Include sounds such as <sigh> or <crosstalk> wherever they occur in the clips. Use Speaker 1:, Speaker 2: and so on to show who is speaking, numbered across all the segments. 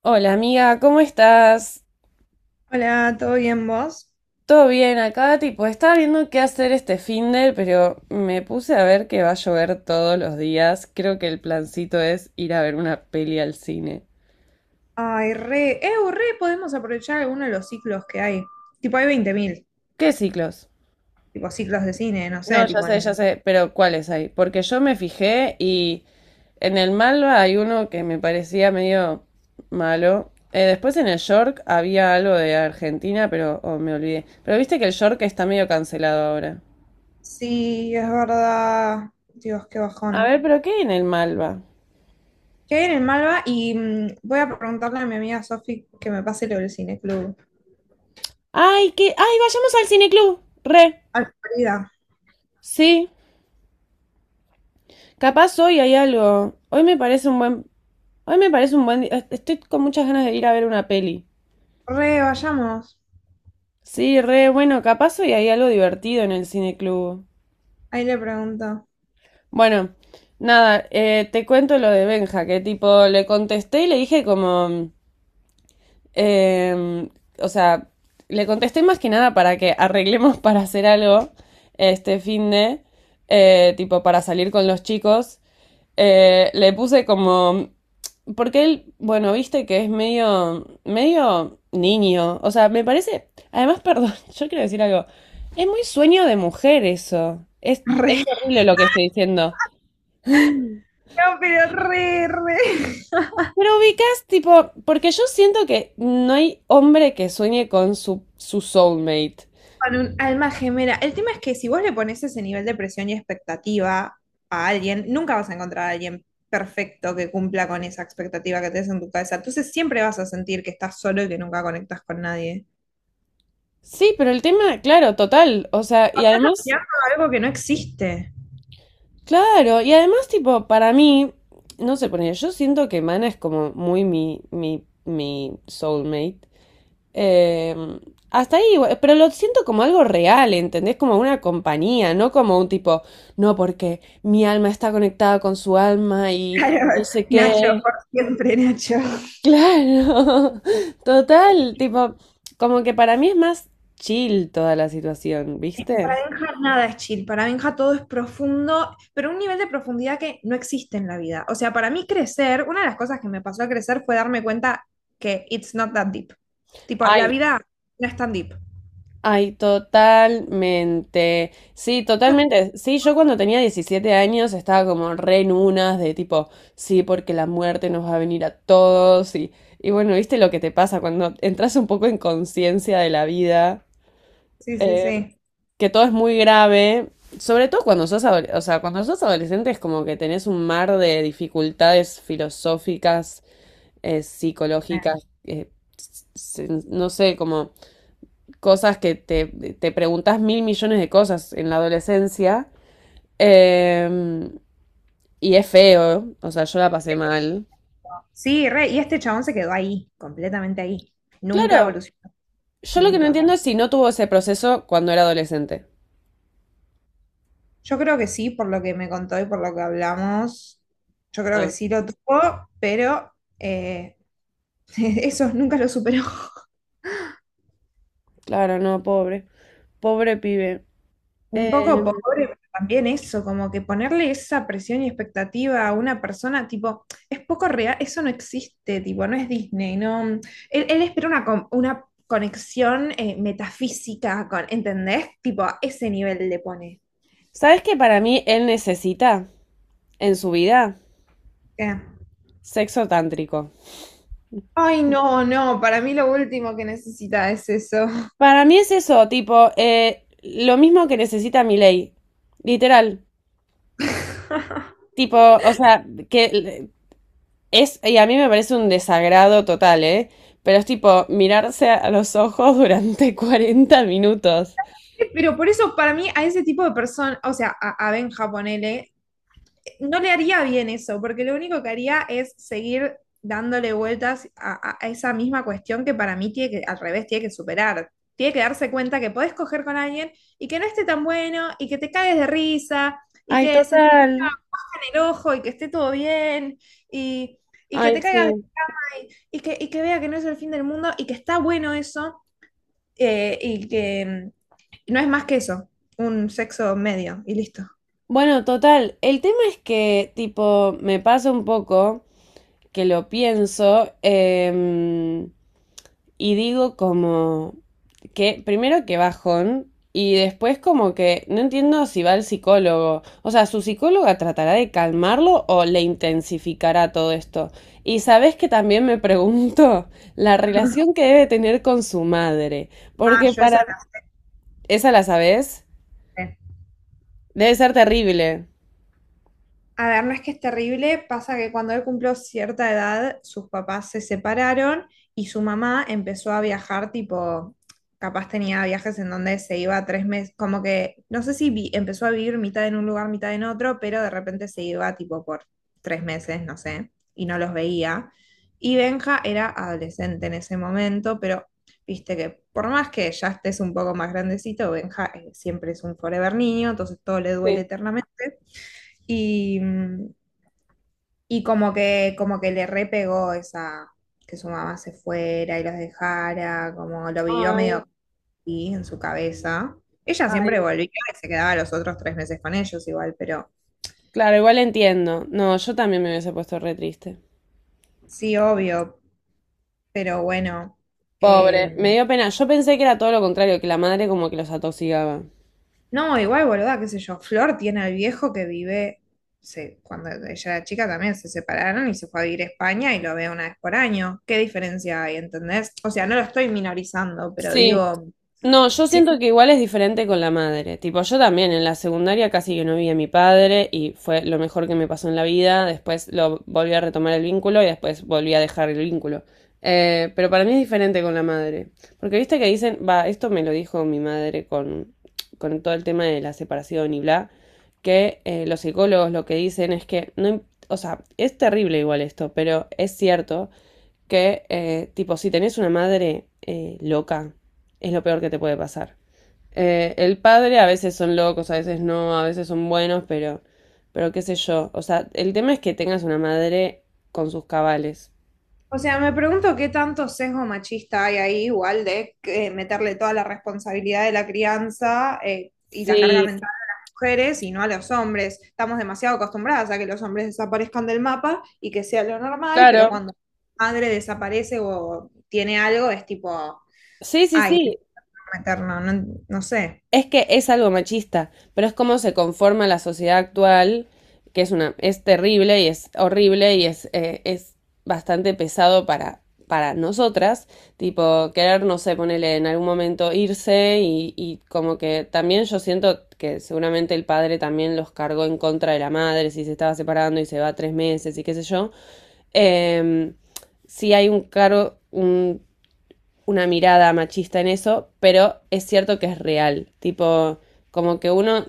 Speaker 1: Hola amiga, ¿cómo estás?
Speaker 2: Hola, ¿todo bien vos?
Speaker 1: ¿Todo bien acá? Tipo, estaba viendo qué hacer este finde, pero me puse a ver que va a llover todos los días. Creo que el plancito es ir a ver una peli al cine.
Speaker 2: Ay, re, re, podemos aprovechar alguno de los ciclos que hay. Tipo, hay 20.000,
Speaker 1: ¿Qué ciclos?
Speaker 2: tipo ciclos de cine, no
Speaker 1: No,
Speaker 2: sé,
Speaker 1: ya sé, pero ¿cuáles hay? Porque yo me fijé y en el Malva hay uno que me parecía medio malo. Después en el York había algo de Argentina, pero oh, me olvidé. Pero viste que el York está medio cancelado ahora.
Speaker 2: Sí, es verdad. Dios, qué
Speaker 1: A
Speaker 2: bajón.
Speaker 1: ver, ¿pero qué hay en el Malva?
Speaker 2: ¿Qué hay en el Malva? Y voy a preguntarle a mi amiga Sofi que me pase lo del cineclub.
Speaker 1: Ay, ay, vayamos al cineclub. Re.
Speaker 2: Ay, querida.
Speaker 1: Sí. Capaz hoy hay algo. Hoy me parece un buen día. Estoy con muchas ganas de ir a ver una peli.
Speaker 2: Re, vayamos.
Speaker 1: Sí, re, bueno, capaz hoy hay algo divertido en el cineclub.
Speaker 2: Ahí le pregunto.
Speaker 1: Bueno, nada, te cuento lo de Benja, que tipo le contesté y le dije como, em, o sea, le contesté más que nada para que arreglemos <laughs> para hacer algo este fin de, tipo para salir con los chicos. Le puse como. Porque él, bueno, viste que es medio, medio niño. O sea, me parece. Además, perdón, <laughs> yo quiero decir algo. Es muy sueño de mujer eso. Es,
Speaker 2: <laughs>
Speaker 1: es
Speaker 2: Re.
Speaker 1: horrible lo que estoy diciendo.
Speaker 2: No, pero re, re.
Speaker 1: Pero ubicas, tipo, porque yo siento que no hay hombre que sueñe con su soulmate.
Speaker 2: Con un alma gemela. El tema es que si vos le pones ese nivel de presión y expectativa a alguien, nunca vas a encontrar a alguien perfecto que cumpla con esa expectativa que tenés en tu cabeza. Entonces siempre vas a sentir que estás solo y que nunca conectas con nadie.
Speaker 1: Sí, pero el tema, claro, total. O sea,
Speaker 2: O
Speaker 1: y
Speaker 2: estás
Speaker 1: además.
Speaker 2: aspirando a algo que no existe.
Speaker 1: Claro, y además, tipo, para mí, no sé, yo siento que Mana es como muy mi soulmate. Eh, Hasta ahí, igual, pero lo siento como algo real, ¿entendés? Como una compañía, no como un tipo, no, porque mi alma está conectada con su alma y
Speaker 2: Claro,
Speaker 1: no sé
Speaker 2: Nacho,
Speaker 1: qué.
Speaker 2: por siempre, Nacho.
Speaker 1: Claro, <laughs> total, tipo, como que para mí es más chill toda la situación,
Speaker 2: Para
Speaker 1: ¿viste?
Speaker 2: Benja nada es chill, para Benja todo es profundo, pero un nivel de profundidad que no existe en la vida. O sea, para mí crecer, una de las cosas que me pasó a crecer fue darme cuenta que it's not that deep. Tipo, la
Speaker 1: Ay,
Speaker 2: vida no es tan deep.
Speaker 1: ay, totalmente. Sí, totalmente. Sí, yo cuando tenía 17 años estaba como re en unas de tipo, sí, porque la muerte nos va a venir a todos. Y bueno, viste lo que te pasa cuando entras un poco en conciencia de la vida,
Speaker 2: Sí, sí,
Speaker 1: eh,
Speaker 2: sí.
Speaker 1: que todo es muy grave. Sobre todo cuando sos, o sea, cuando sos adolescente es como que tenés un mar de dificultades filosóficas, psicológicas, no sé, como cosas que te preguntas mil millones de cosas en la adolescencia. Eh, y es feo, o sea, yo la pasé mal.
Speaker 2: Sí, re, y este chabón se quedó ahí, completamente ahí. Nunca
Speaker 1: Claro,
Speaker 2: evolucionó,
Speaker 1: yo lo que no
Speaker 2: nunca.
Speaker 1: entiendo es si no tuvo ese proceso cuando era adolescente.
Speaker 2: Yo creo que sí, por lo que me contó y por lo que hablamos, yo creo que
Speaker 1: Ah,
Speaker 2: sí lo tuvo, pero eh, <laughs> eso nunca lo superó.
Speaker 1: claro, no, pobre. Pobre pibe.
Speaker 2: Un
Speaker 1: Eh,
Speaker 2: poco pobre, pero también eso, como que ponerle esa presión y expectativa a una persona, tipo, es poco real, eso no existe, tipo, no es Disney, no. Él espera una, una conexión metafísica con, ¿entendés? Tipo, a ese nivel le pone.
Speaker 1: ¿Sabes que para mí él necesita en su vida?
Speaker 2: Eh.
Speaker 1: Sexo tántrico.
Speaker 2: Ay, no, no, para mí lo último que necesita es eso.
Speaker 1: Para mí es eso, tipo, lo mismo que necesita mi ley. Literal. Tipo,
Speaker 2: <laughs>
Speaker 1: o sea, que es, y a mí me parece un desagrado total, ¿eh? Pero es tipo mirarse a los ojos durante <laughs> 40 minutos.
Speaker 2: Pero por eso, para mí, a ese tipo de persona, o sea, a Benja, ponele, no le haría bien eso, porque lo único que haría es seguir dándole vueltas a esa misma cuestión que para mí tiene que, al revés, tiene que superar. Tiene que darse cuenta que podés coger con alguien y que no esté tan bueno y que te caes de risa y
Speaker 1: Ay,
Speaker 2: que se te
Speaker 1: total.
Speaker 2: caiga en el ojo y que esté todo bien y, y que te
Speaker 1: Ay,
Speaker 2: caigas de
Speaker 1: sí.
Speaker 2: y que vea que no es el fin del mundo y que está bueno eso y que no es más que eso, un sexo medio y listo.
Speaker 1: Bueno, total, el tema es que, tipo, me pasa un poco que lo pienso, y digo como que primero que bajón y después como que no entiendo si va al psicólogo. O sea, su psicóloga tratará de calmarlo o le intensificará todo esto. Y sabes que también me pregunto <laughs> la relación que debe tener con su madre,
Speaker 2: Ah,
Speaker 1: porque
Speaker 2: yo esa
Speaker 1: para esa la sabes,
Speaker 2: la sé.
Speaker 1: debe ser terrible.
Speaker 2: A ver, no es que es terrible, pasa que cuando él cumplió cierta edad, sus papás se separaron y su mamá empezó a viajar, tipo, capaz tenía viajes en donde se iba 3 meses, como que, no sé si vi- empezó a vivir mitad en un lugar, mitad en otro, pero de repente se iba, tipo, por 3 meses, no sé, y no los veía. Y Benja era adolescente en ese momento, pero viste que por más que ya estés un poco más grandecito, Benja siempre es un forever niño, entonces todo le duele
Speaker 1: Sí.
Speaker 2: eternamente. Y y como que le repegó esa, que su mamá se fuera y los dejara, como lo vivió medio
Speaker 1: Ay,
Speaker 2: así en su cabeza. Ella siempre
Speaker 1: ay.
Speaker 2: volvía y se quedaba los otros 3 meses con ellos igual, pero
Speaker 1: Claro, igual entiendo. No, yo también me hubiese puesto re triste.
Speaker 2: sí, obvio, pero bueno.
Speaker 1: Pobre,
Speaker 2: eh,
Speaker 1: me dio pena. Yo pensé que era todo lo contrario, que la madre como que los atoxigaba.
Speaker 2: no, igual, boluda, qué sé yo, Flor tiene al viejo que vive, cuando ella era chica también se separaron y se fue a vivir a España y lo ve una vez por año. ¿Qué diferencia hay, entendés? O sea, no lo estoy minorizando, pero
Speaker 1: Sí,
Speaker 2: digo...
Speaker 1: no, yo
Speaker 2: Sí,
Speaker 1: siento que igual es diferente con la madre. Tipo, yo también en la secundaria casi que no vi a mi padre y fue lo mejor que me pasó en la vida. Después lo volví a retomar el vínculo y después volví a dejar el vínculo. Pero para mí es diferente con la madre. Porque viste que dicen, va, esto me lo dijo mi madre con todo el tema de la separación y bla, que los psicólogos lo que dicen es que no, o sea, es terrible igual esto, pero es cierto que, tipo, si tenés una madre loca, es lo peor que te puede pasar. El padre a veces son locos, a veces no, a veces son buenos, pero qué sé yo. O sea, el tema es que tengas una madre con sus cabales.
Speaker 2: o sea, me pregunto qué tanto sesgo machista hay ahí, igual de meterle toda la responsabilidad de la crianza y la carga
Speaker 1: Sí,
Speaker 2: mental a las mujeres y no a los hombres. Estamos demasiado acostumbradas a que los hombres desaparezcan del mapa y que sea lo normal, pero
Speaker 1: claro.
Speaker 2: cuando la madre desaparece o tiene algo, es tipo,
Speaker 1: Sí, sí,
Speaker 2: ay, no
Speaker 1: sí.
Speaker 2: meternos, no, no sé.
Speaker 1: Es que es algo machista, pero es como se conforma la sociedad actual, que es una, es terrible y es horrible y es bastante pesado para nosotras, tipo querer, no sé, ponerle en algún momento irse y como que también yo siento que seguramente el padre también los cargó en contra de la madre, si se estaba separando y se va 3 meses y qué sé yo. Eh, sí hay un cargo, un una mirada machista en eso, pero es cierto que es real. Tipo, como que uno,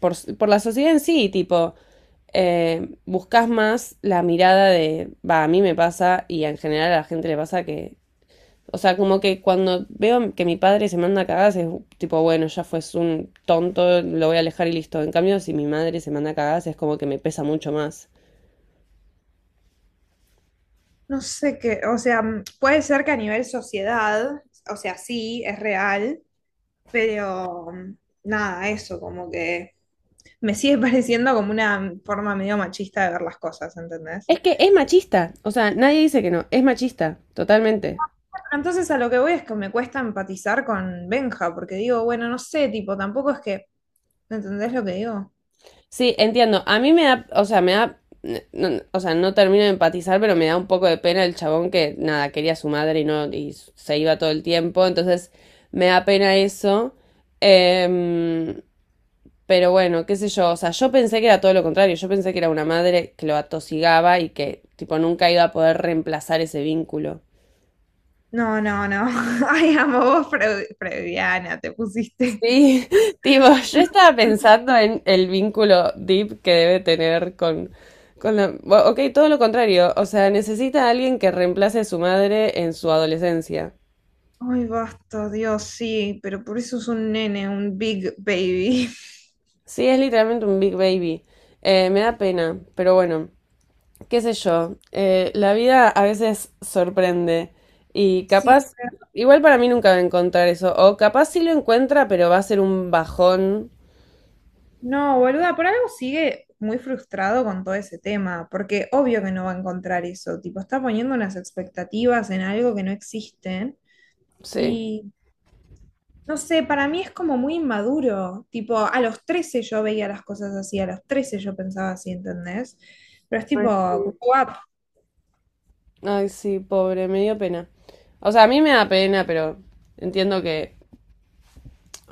Speaker 1: por la sociedad en sí, tipo, buscas más la mirada de, va, a mí me pasa y en general a la gente le pasa que, o sea, como que cuando veo que mi padre se manda cagadas es tipo, bueno, ya fue un tonto, lo voy a alejar y listo. En cambio, si mi madre se manda cagadas es como que me pesa mucho más.
Speaker 2: No sé qué, o sea, puede ser que a nivel sociedad, o sea, sí, es real, pero nada, eso, como que me sigue <laughs> pareciendo como una forma medio machista de ver las cosas, ¿entendés?
Speaker 1: Es que es machista, o sea, nadie dice que no, es machista, totalmente.
Speaker 2: Entonces a lo que voy es que me cuesta empatizar con Benja, porque digo, bueno, no sé, tipo, tampoco es que, ¿entendés lo que digo?
Speaker 1: Sí, entiendo. A mí me da, o sea, me da, o sea, no termino de empatizar, pero me da un poco de pena el chabón que nada, quería a su madre y no, y se iba todo el tiempo. Entonces, me da pena eso. Em, pero bueno, qué sé yo. O sea, yo pensé que era todo lo contrario. Yo pensé que era una madre que lo atosigaba y que, tipo, nunca iba a poder reemplazar ese vínculo.
Speaker 2: No, no, no. <laughs> Ay, amo, vos freudiana te pusiste. <laughs>
Speaker 1: Sí, <laughs> tipo, yo estaba pensando en el vínculo deep que debe tener con la, bueno, ok, todo lo contrario, o sea, necesita a alguien que reemplace a su madre en su adolescencia.
Speaker 2: Ay, basta, Dios, sí, pero por eso es un nene, un big baby. <laughs>
Speaker 1: Sí, es literalmente un big baby. Me da pena, pero bueno, qué sé yo. La vida a veces sorprende y
Speaker 2: Sí,
Speaker 1: capaz, igual para mí nunca va a encontrar eso, o capaz sí lo encuentra, pero va a ser un bajón.
Speaker 2: no, boluda, por algo sigue muy frustrado con todo ese tema, porque obvio que no va a encontrar eso, tipo, está poniendo unas expectativas en algo que no existen
Speaker 1: Sí.
Speaker 2: y no sé, para mí es como muy inmaduro, tipo, a los 13 yo veía las cosas así, a los 13 yo pensaba así, ¿entendés? Pero es
Speaker 1: Ay,
Speaker 2: tipo, grow.
Speaker 1: sí. Ay, sí, pobre, me dio pena. O sea, a mí me da pena, pero entiendo que.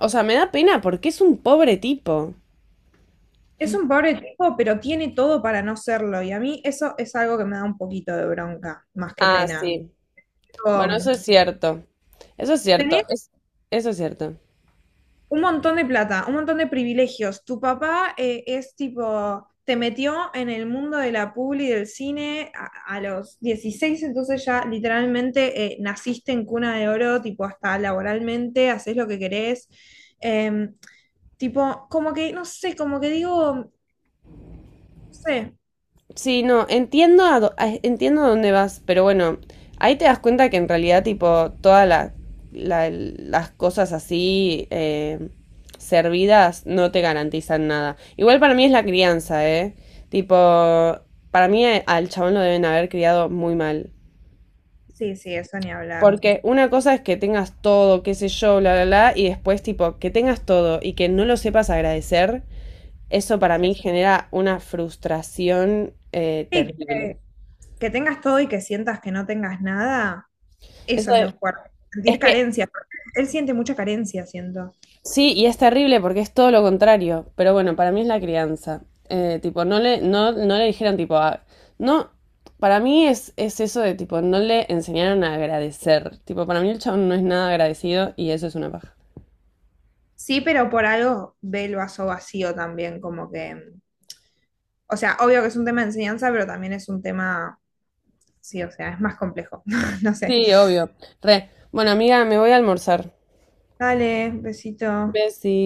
Speaker 1: O sea, me da pena porque es un pobre tipo.
Speaker 2: Es un pobre tipo, pero tiene todo para no serlo y a mí eso es algo que me da un poquito de bronca, más que
Speaker 1: Ah,
Speaker 2: pena.
Speaker 1: sí.
Speaker 2: Tipo,
Speaker 1: Bueno, eso es cierto. Eso es cierto.
Speaker 2: tenés
Speaker 1: Eso es cierto.
Speaker 2: un montón de plata, un montón de privilegios. Tu papá es tipo, te metió en el mundo de la publi y del cine a los 16 entonces ya literalmente naciste en cuna de oro, tipo hasta laboralmente, haces lo que querés. Em, tipo, como que, no sé, como que digo, no sé,
Speaker 1: Sí, no, entiendo entiendo a dónde vas, pero bueno, ahí te das cuenta que en realidad, tipo, todas las cosas así servidas no te garantizan nada. Igual para mí es la crianza, ¿eh? Tipo, para mí al chabón lo deben haber criado muy mal.
Speaker 2: sí, sí, eso ni hablar.
Speaker 1: Porque una cosa es que tengas todo, qué sé yo, bla, bla, bla, y después, tipo, que tengas todo y que no lo sepas agradecer, eso para
Speaker 2: Sí,
Speaker 1: mí genera una frustración
Speaker 2: sí,
Speaker 1: terrible.
Speaker 2: que tengas todo y que sientas que no tengas nada, eso
Speaker 1: Eso
Speaker 2: es lo
Speaker 1: de-
Speaker 2: fuerte, sentir
Speaker 1: Es que
Speaker 2: carencia. Él siente mucha carencia, siento.
Speaker 1: sí, y es terrible porque es todo lo contrario. Pero bueno, para mí es la crianza. Tipo, no le, no, no le dijeron, tipo, no. Para mí es eso de tipo, no le enseñaron a agradecer. Tipo, para mí el chabón no es nada agradecido y eso es una paja.
Speaker 2: Sí, pero por algo ve el vaso vacío también, como que, o sea, obvio que es un tema de enseñanza, pero también es un tema, sí, o sea, es más complejo. <laughs> No sé.
Speaker 1: Sí, obvio. Re. Bueno, amiga, me voy a almorzar.
Speaker 2: Dale, besito.
Speaker 1: Besi.